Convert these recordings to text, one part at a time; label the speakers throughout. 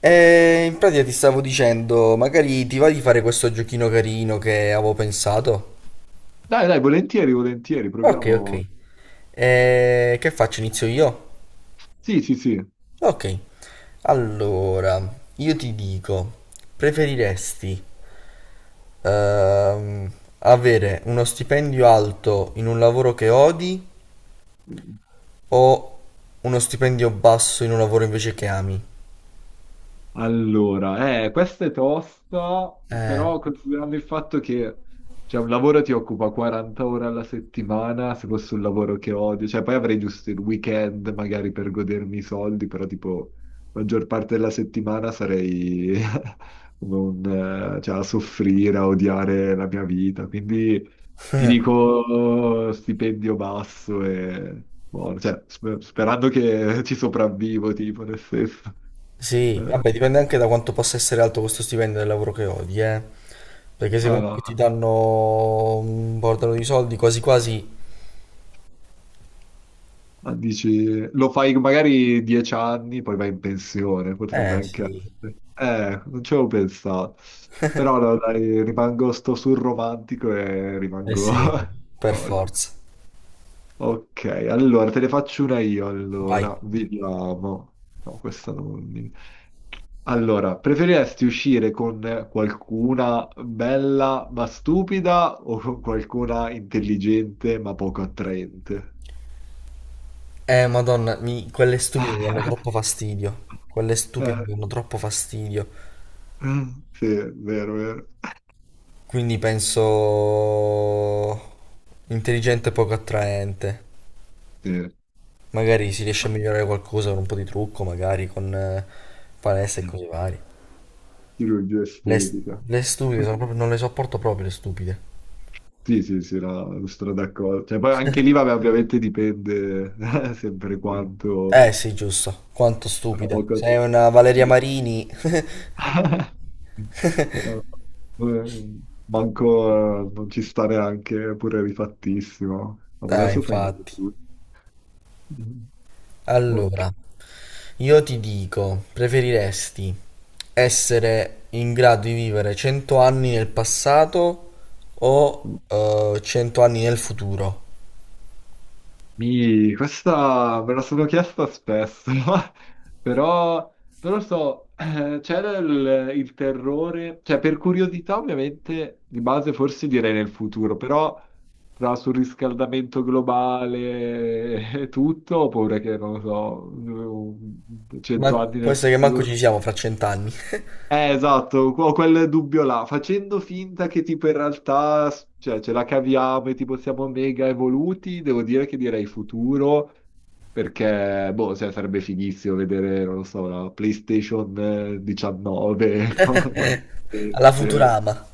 Speaker 1: E in pratica ti stavo dicendo, magari ti va di fare questo giochino carino che avevo pensato?
Speaker 2: Dai, dai, volentieri, volentieri,
Speaker 1: Ok, ok.
Speaker 2: proviamo.
Speaker 1: E che faccio? Inizio io?
Speaker 2: Sì, sì, sì.
Speaker 1: Ok. Allora, io ti dico, preferiresti ehm, avere uno stipendio alto in un lavoro che odi o uno stipendio basso in un lavoro invece che ami?
Speaker 2: Allora, questa è tosta,
Speaker 1: Eh.
Speaker 2: però considerando il fatto che cioè, un lavoro ti occupa 40 ore alla settimana, se fosse un lavoro che odio, cioè poi avrei giusto il weekend magari per godermi i soldi, però tipo la maggior parte della settimana sarei come cioè, a soffrire, a odiare la mia vita, quindi ti dico stipendio basso e buono, cioè, sperando che ci sopravvivo, tipo nel senso.
Speaker 1: Sì,
Speaker 2: Eh.
Speaker 1: vabbè, dipende anche da quanto possa essere alto questo stipendio del lavoro che odi, eh. Perché se comunque
Speaker 2: Eh,
Speaker 1: ti danno un bordello di soldi, quasi quasi...
Speaker 2: no, dici, lo fai magari 10 anni, poi vai in pensione, potrebbe
Speaker 1: Eh
Speaker 2: anche
Speaker 1: sì,
Speaker 2: essere. Non ci avevo pensato. Però no, dai, rimango sto sul romantico e
Speaker 1: eh
Speaker 2: rimango...
Speaker 1: sì, per
Speaker 2: Oh,
Speaker 1: forza.
Speaker 2: ok, allora te ne faccio una io,
Speaker 1: Vai.
Speaker 2: allora, vediamo. No, questa non... Allora, preferiresti uscire con qualcuna bella ma stupida o con qualcuna intelligente ma poco attraente?
Speaker 1: Madonna, quelle stupide mi danno troppo fastidio. Quelle stupide
Speaker 2: Eh,
Speaker 1: mi danno troppo fastidio.
Speaker 2: eh, sì, è vero, vero.
Speaker 1: Quindi penso intelligente e poco attraente.
Speaker 2: Sì.
Speaker 1: Magari si riesce a migliorare qualcosa con un po' di trucco, magari con palestra e cose varie.
Speaker 2: Chirurgia
Speaker 1: Le,
Speaker 2: estetica.
Speaker 1: le stupide sono proprio, non le sopporto proprio le stupide.
Speaker 2: Sì, sì, sì, no, sono d'accordo. Cioè, poi anche lì, vabbè, ovviamente dipende sempre quanto...
Speaker 1: Sì, giusto. Quanto
Speaker 2: La
Speaker 1: stupida.
Speaker 2: poca...
Speaker 1: Sei una Valeria
Speaker 2: Sì.
Speaker 1: Marini.
Speaker 2: Eh, manco non ci sta neanche pure rifattissimo. Vabbè, adesso fai
Speaker 1: Infatti.
Speaker 2: tutto. Ok.
Speaker 1: Allora, io ti dico, preferiresti essere in grado di vivere 100 anni nel passato o 100 anni nel futuro?
Speaker 2: Mi, questa me la sono chiesta spesso, però, non lo so, c'era il terrore, cioè per curiosità ovviamente, di base forse direi nel futuro, però tra surriscaldamento globale e tutto, ho paura che, non lo so,
Speaker 1: Ma
Speaker 2: 100 anni
Speaker 1: può
Speaker 2: nel
Speaker 1: essere che manco ci
Speaker 2: futuro.
Speaker 1: siamo fra 100 anni.
Speaker 2: Esatto, ho quel dubbio là, facendo finta che tipo in realtà cioè, ce la caviamo e tipo siamo mega evoluti, devo dire che direi futuro, perché boh, cioè, sarebbe fighissimo vedere, non lo so, la PlayStation 19,
Speaker 1: Alla Futurama.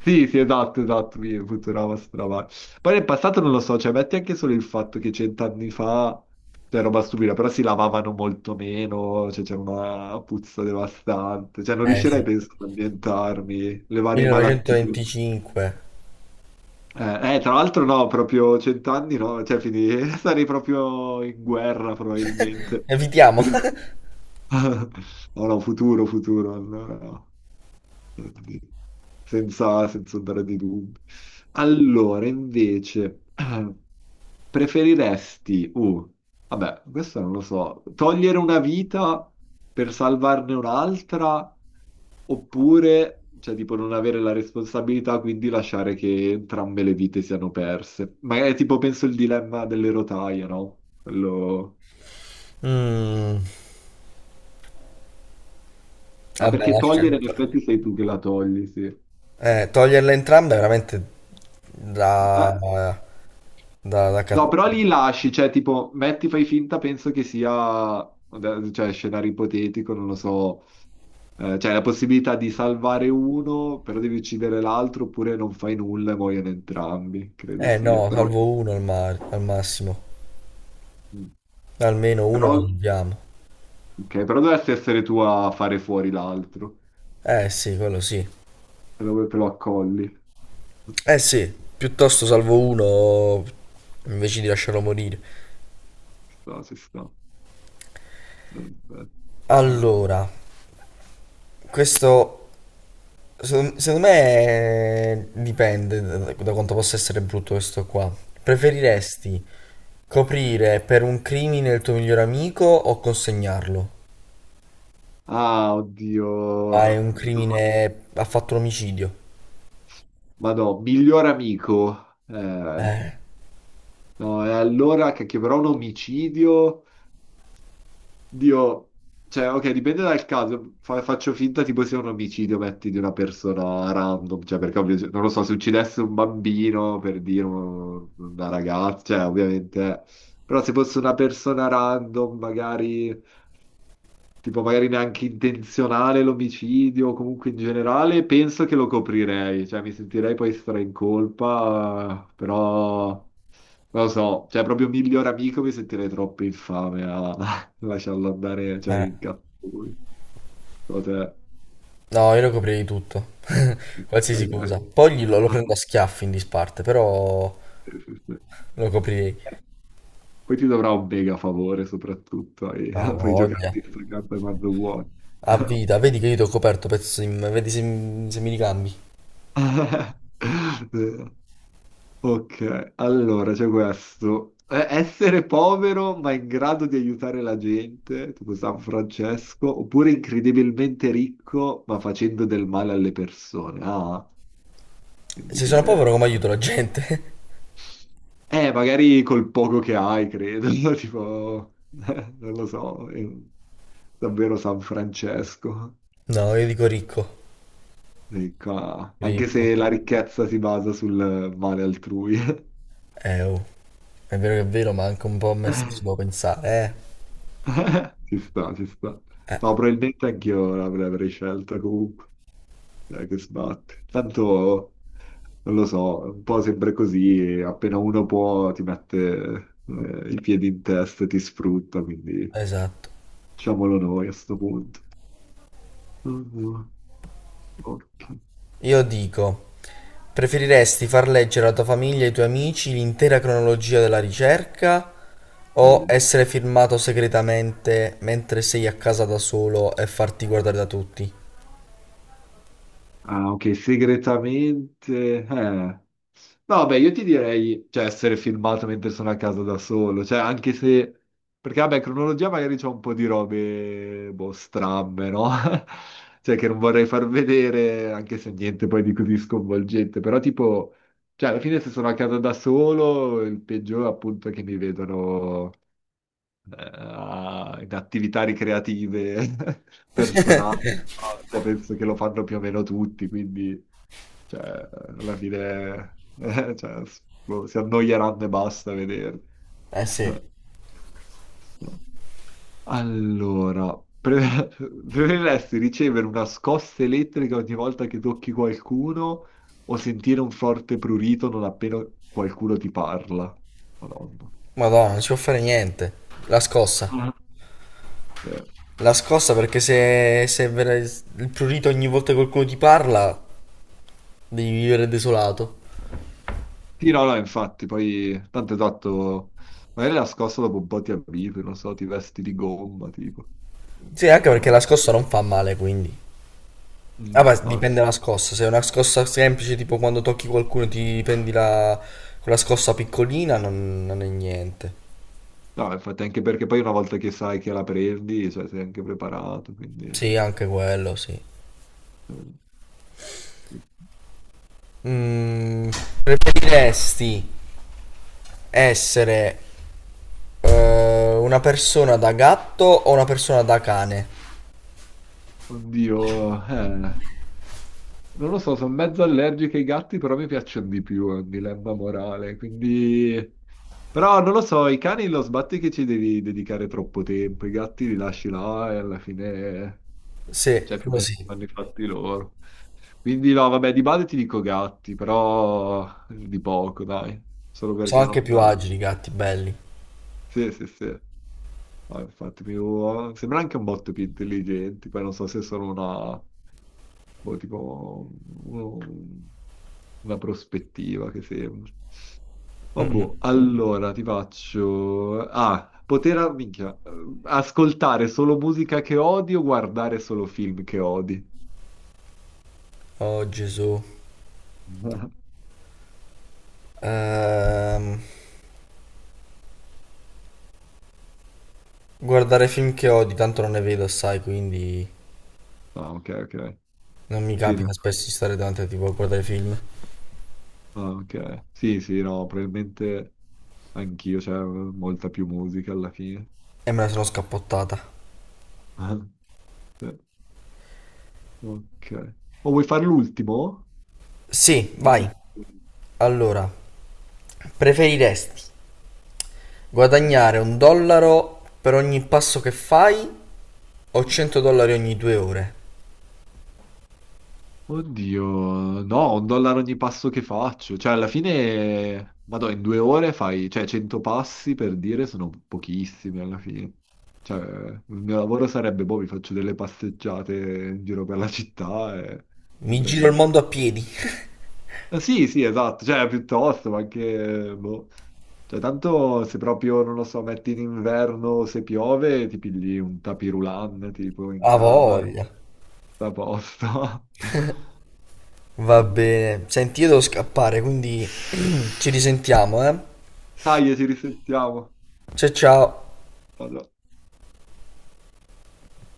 Speaker 2: sì, sì, esatto, esatto, mi Futurama Futurama. Poi nel passato non lo so, cioè metti anche solo il fatto che 100 anni fa c'era roba stupida, però si lavavano molto meno, cioè c'era una puzza devastante, cioè non
Speaker 1: Eh
Speaker 2: riuscirei
Speaker 1: sì,
Speaker 2: penso ad ambientarmi, le varie malattie.
Speaker 1: 1925.
Speaker 2: Tra l'altro no, proprio 100 anni no, cioè quindi sarei proprio in guerra probabilmente.
Speaker 1: Evitiamo.
Speaker 2: Per il- No, no, futuro, futuro, allora no. senza andare di dubbi. Allora, invece, preferiresti, vabbè, questo non lo so, togliere una vita per salvarne un'altra oppure, cioè, tipo, non avere la responsabilità, quindi lasciare che entrambe le vite siano perse. Magari, tipo, penso il dilemma delle rotaie, no? Quello...
Speaker 1: Mm.
Speaker 2: Ah,
Speaker 1: Vabbè,
Speaker 2: perché togliere, in effetti, sei tu che la togli, sì.
Speaker 1: toglierle entrambe è veramente da,
Speaker 2: Ma-
Speaker 1: da, da
Speaker 2: No,
Speaker 1: cat-
Speaker 2: però li lasci, cioè tipo, metti, fai finta, penso che sia, cioè, scenario ipotetico, non lo so, cioè la possibilità di salvare uno, però devi uccidere l'altro, oppure non fai nulla e muoiono entrambi, credo
Speaker 1: Eh
Speaker 2: sia.
Speaker 1: no, salvo uno al massimo.
Speaker 2: Mm,
Speaker 1: Almeno uno lo
Speaker 2: però,
Speaker 1: salviamo.
Speaker 2: ok, però dovresti essere tu a fare fuori l'altro,
Speaker 1: Eh sì, quello sì.
Speaker 2: se lo, te lo accolli.
Speaker 1: Eh sì, piuttosto salvo uno invece di lasciarlo morire.
Speaker 2: Ci sta, ci sta. Aspetta.
Speaker 1: Allora, questo secondo me dipende da quanto possa essere brutto questo qua. Preferiresti coprire per un crimine il tuo miglior amico o consegnarlo?
Speaker 2: Ah, oddio.
Speaker 1: Ah,
Speaker 2: No,
Speaker 1: è un crimine. Ha fatto un omicidio.
Speaker 2: ma no, miglior amico.
Speaker 1: Eh,
Speaker 2: No, e allora che però un omicidio, Dio, cioè, ok, dipende dal caso, faccio finta tipo sia un omicidio, metti, di una persona random, cioè, perché non lo so, se uccidesse un bambino, per dire, una ragazza, cioè, ovviamente, però se fosse una persona random, magari, tipo, magari neanche intenzionale l'omicidio, o comunque in generale, penso che lo coprirei, cioè, mi sentirei poi stra in colpa, però... Non lo so, cioè proprio miglior amico mi sentirei troppo infame a lasciarlo andare, cioè
Speaker 1: eh.
Speaker 2: in cazzo lui. So te-
Speaker 1: No, io lo coprirei tutto. Qualsiasi cosa. Poi lo prendo a schiaffi in disparte, però lo coprirei.
Speaker 2: Poi ti dovrà un mega favore soprattutto, e
Speaker 1: Ah,
Speaker 2: puoi
Speaker 1: voglia.
Speaker 2: giocarti questa carta quando vuoi.
Speaker 1: A vita, vedi che io ti ho coperto, pezzo di... Vedi se, se mi ricambi.
Speaker 2: Eh, ok, allora c'è questo. Essere povero ma in grado di aiutare la gente, tipo San Francesco, oppure incredibilmente ricco ma facendo del male alle persone. Ah, quindi
Speaker 1: Se sono povero,
Speaker 2: che...
Speaker 1: come aiuto la gente?
Speaker 2: Magari col poco che hai, credo, tipo... non lo so, davvero San Francesco.
Speaker 1: No, io dico ricco.
Speaker 2: Sì, anche
Speaker 1: Ricco.
Speaker 2: se la ricchezza si basa sul male altrui.
Speaker 1: Oh. È vero che è vero, ma anche un po' a me stesso devo pensare,
Speaker 2: Ci sta, ci sta.
Speaker 1: eh.
Speaker 2: No, probabilmente anch'io l'avrei scelta comunque. Dai, che sbatte. Tanto, non lo so, un po' sempre così, e appena uno può ti mette i piedi in testa e ti sfrutta, quindi
Speaker 1: Esatto.
Speaker 2: diciamolo noi a sto punto. Mm, ok.
Speaker 1: Io dico, preferiresti far leggere alla tua famiglia e ai tuoi amici l'intera cronologia della ricerca o
Speaker 2: Mm.
Speaker 1: essere firmato segretamente mentre sei a casa da solo e farti guardare da tutti?
Speaker 2: Ah, ok, segretamente.... No, beh, io ti direi, cioè, essere filmato mentre sono a casa da solo, cioè, anche se... Perché, vabbè, cronologia magari c'è un po' di robe, boh, strambe, no? Cioè, che non vorrei far vedere, anche se niente poi di così sconvolgente, però tipo... Cioè, alla fine se sono a casa da solo, il peggiore appunto è che mi vedono in attività ricreative personali, no? Cioè, penso che lo fanno più o meno tutti, quindi... Cioè, alla fine, cioè, boh, si annoieranno e basta a vederli.
Speaker 1: Eh sì.
Speaker 2: Eh, no. Allora, preferiresti ricevere una scossa elettrica ogni volta che tocchi qualcuno o sentire un forte prurito non appena qualcuno ti parla? Madonna.
Speaker 1: Madonna, non si può fare niente. La scossa.
Speaker 2: Mm. Eh,
Speaker 1: La scossa perché se, se vera- il prurito ogni volta che qualcuno ti parla, devi vivere desolato.
Speaker 2: sì, no, no, infatti, poi tanto esatto, magari la scossa dopo un po' ti abitui, non so, ti vesti di gomma, tipo.
Speaker 1: Sì, anche
Speaker 2: Non
Speaker 1: perché la
Speaker 2: lo so.
Speaker 1: scossa non fa male, quindi.
Speaker 2: Mm,
Speaker 1: Vabbè,
Speaker 2: no,
Speaker 1: dipende dalla scossa. Se è una scossa semplice, tipo quando tocchi qualcuno e ti prendi la... quella scossa piccolina, non è niente.
Speaker 2: no, infatti anche perché poi una volta che sai che la prendi, cioè, sei anche preparato, quindi...
Speaker 1: Sì, anche quello, sì.
Speaker 2: eh,
Speaker 1: Mm, preferiresti essere una persona da gatto o una persona da cane?
Speaker 2: Oddio, eh, non lo so, sono mezzo allergico ai gatti, però mi piacciono di più, è un dilemma morale, quindi... Però non lo so, i cani lo sbatti che ci devi dedicare troppo tempo, i gatti li lasci là e alla fine,
Speaker 1: Sì,
Speaker 2: cioè più o meno
Speaker 1: così.
Speaker 2: fanno i fatti loro. Quindi no, vabbè, di base ti dico gatti, però di poco, dai, solo
Speaker 1: Sono
Speaker 2: perché
Speaker 1: anche
Speaker 2: non...
Speaker 1: più agili i gatti, belli.
Speaker 2: Sì, sì, sì. No, infatti, sembra anche un botto più intelligenti, poi non so se sono una, boh, tipo, un- una prospettiva che sembra. Oh, boh, allora ti faccio... Ah, poter, ah, minchia, ascoltare solo musica che odi o guardare solo film che odi?
Speaker 1: Oh Gesù. Ehm, guardare film che odi, tanto non ne vedo, assai, quindi
Speaker 2: Ah, ok, ok.
Speaker 1: non mi
Speaker 2: Sì,
Speaker 1: capita spesso di stare davanti a tipo a guardare film.
Speaker 2: ah, ok. Sì, sì, no, probabilmente anch'io, c'è molta più musica alla fine.
Speaker 1: E me la sono scappottata.
Speaker 2: Sì. Ok. O vuoi fare l'ultimo?
Speaker 1: Sì,
Speaker 2: Poi
Speaker 1: vai. Allora, preferiresti guadagnare un dollaro per ogni passo che fai o
Speaker 2: mi-
Speaker 1: 100 dollari ogni 2 ore?
Speaker 2: Oddio, no, 1 dollaro ogni passo che faccio. Cioè, alla fine, vado in 2 ore fai, cioè, 100 passi per dire sono pochissimi alla fine. Cioè, il mio lavoro sarebbe, boh, vi faccio delle passeggiate in giro per la città e
Speaker 1: Mi
Speaker 2: prendo
Speaker 1: giro il mondo a piedi.
Speaker 2: Ah, sì, sì, esatto, cioè, piuttosto, ma anche, boh. Cioè, tanto se proprio, non lo so, metti in inverno, se piove, ti pigli un tapirulan, tipo, in
Speaker 1: A
Speaker 2: casa, e
Speaker 1: voglia.
Speaker 2: sta a posto.
Speaker 1: Va bene. Senti, io devo scappare, quindi ci risentiamo, eh?
Speaker 2: Dai, ci risentiamo.
Speaker 1: Ciao ciao.
Speaker 2: Vado.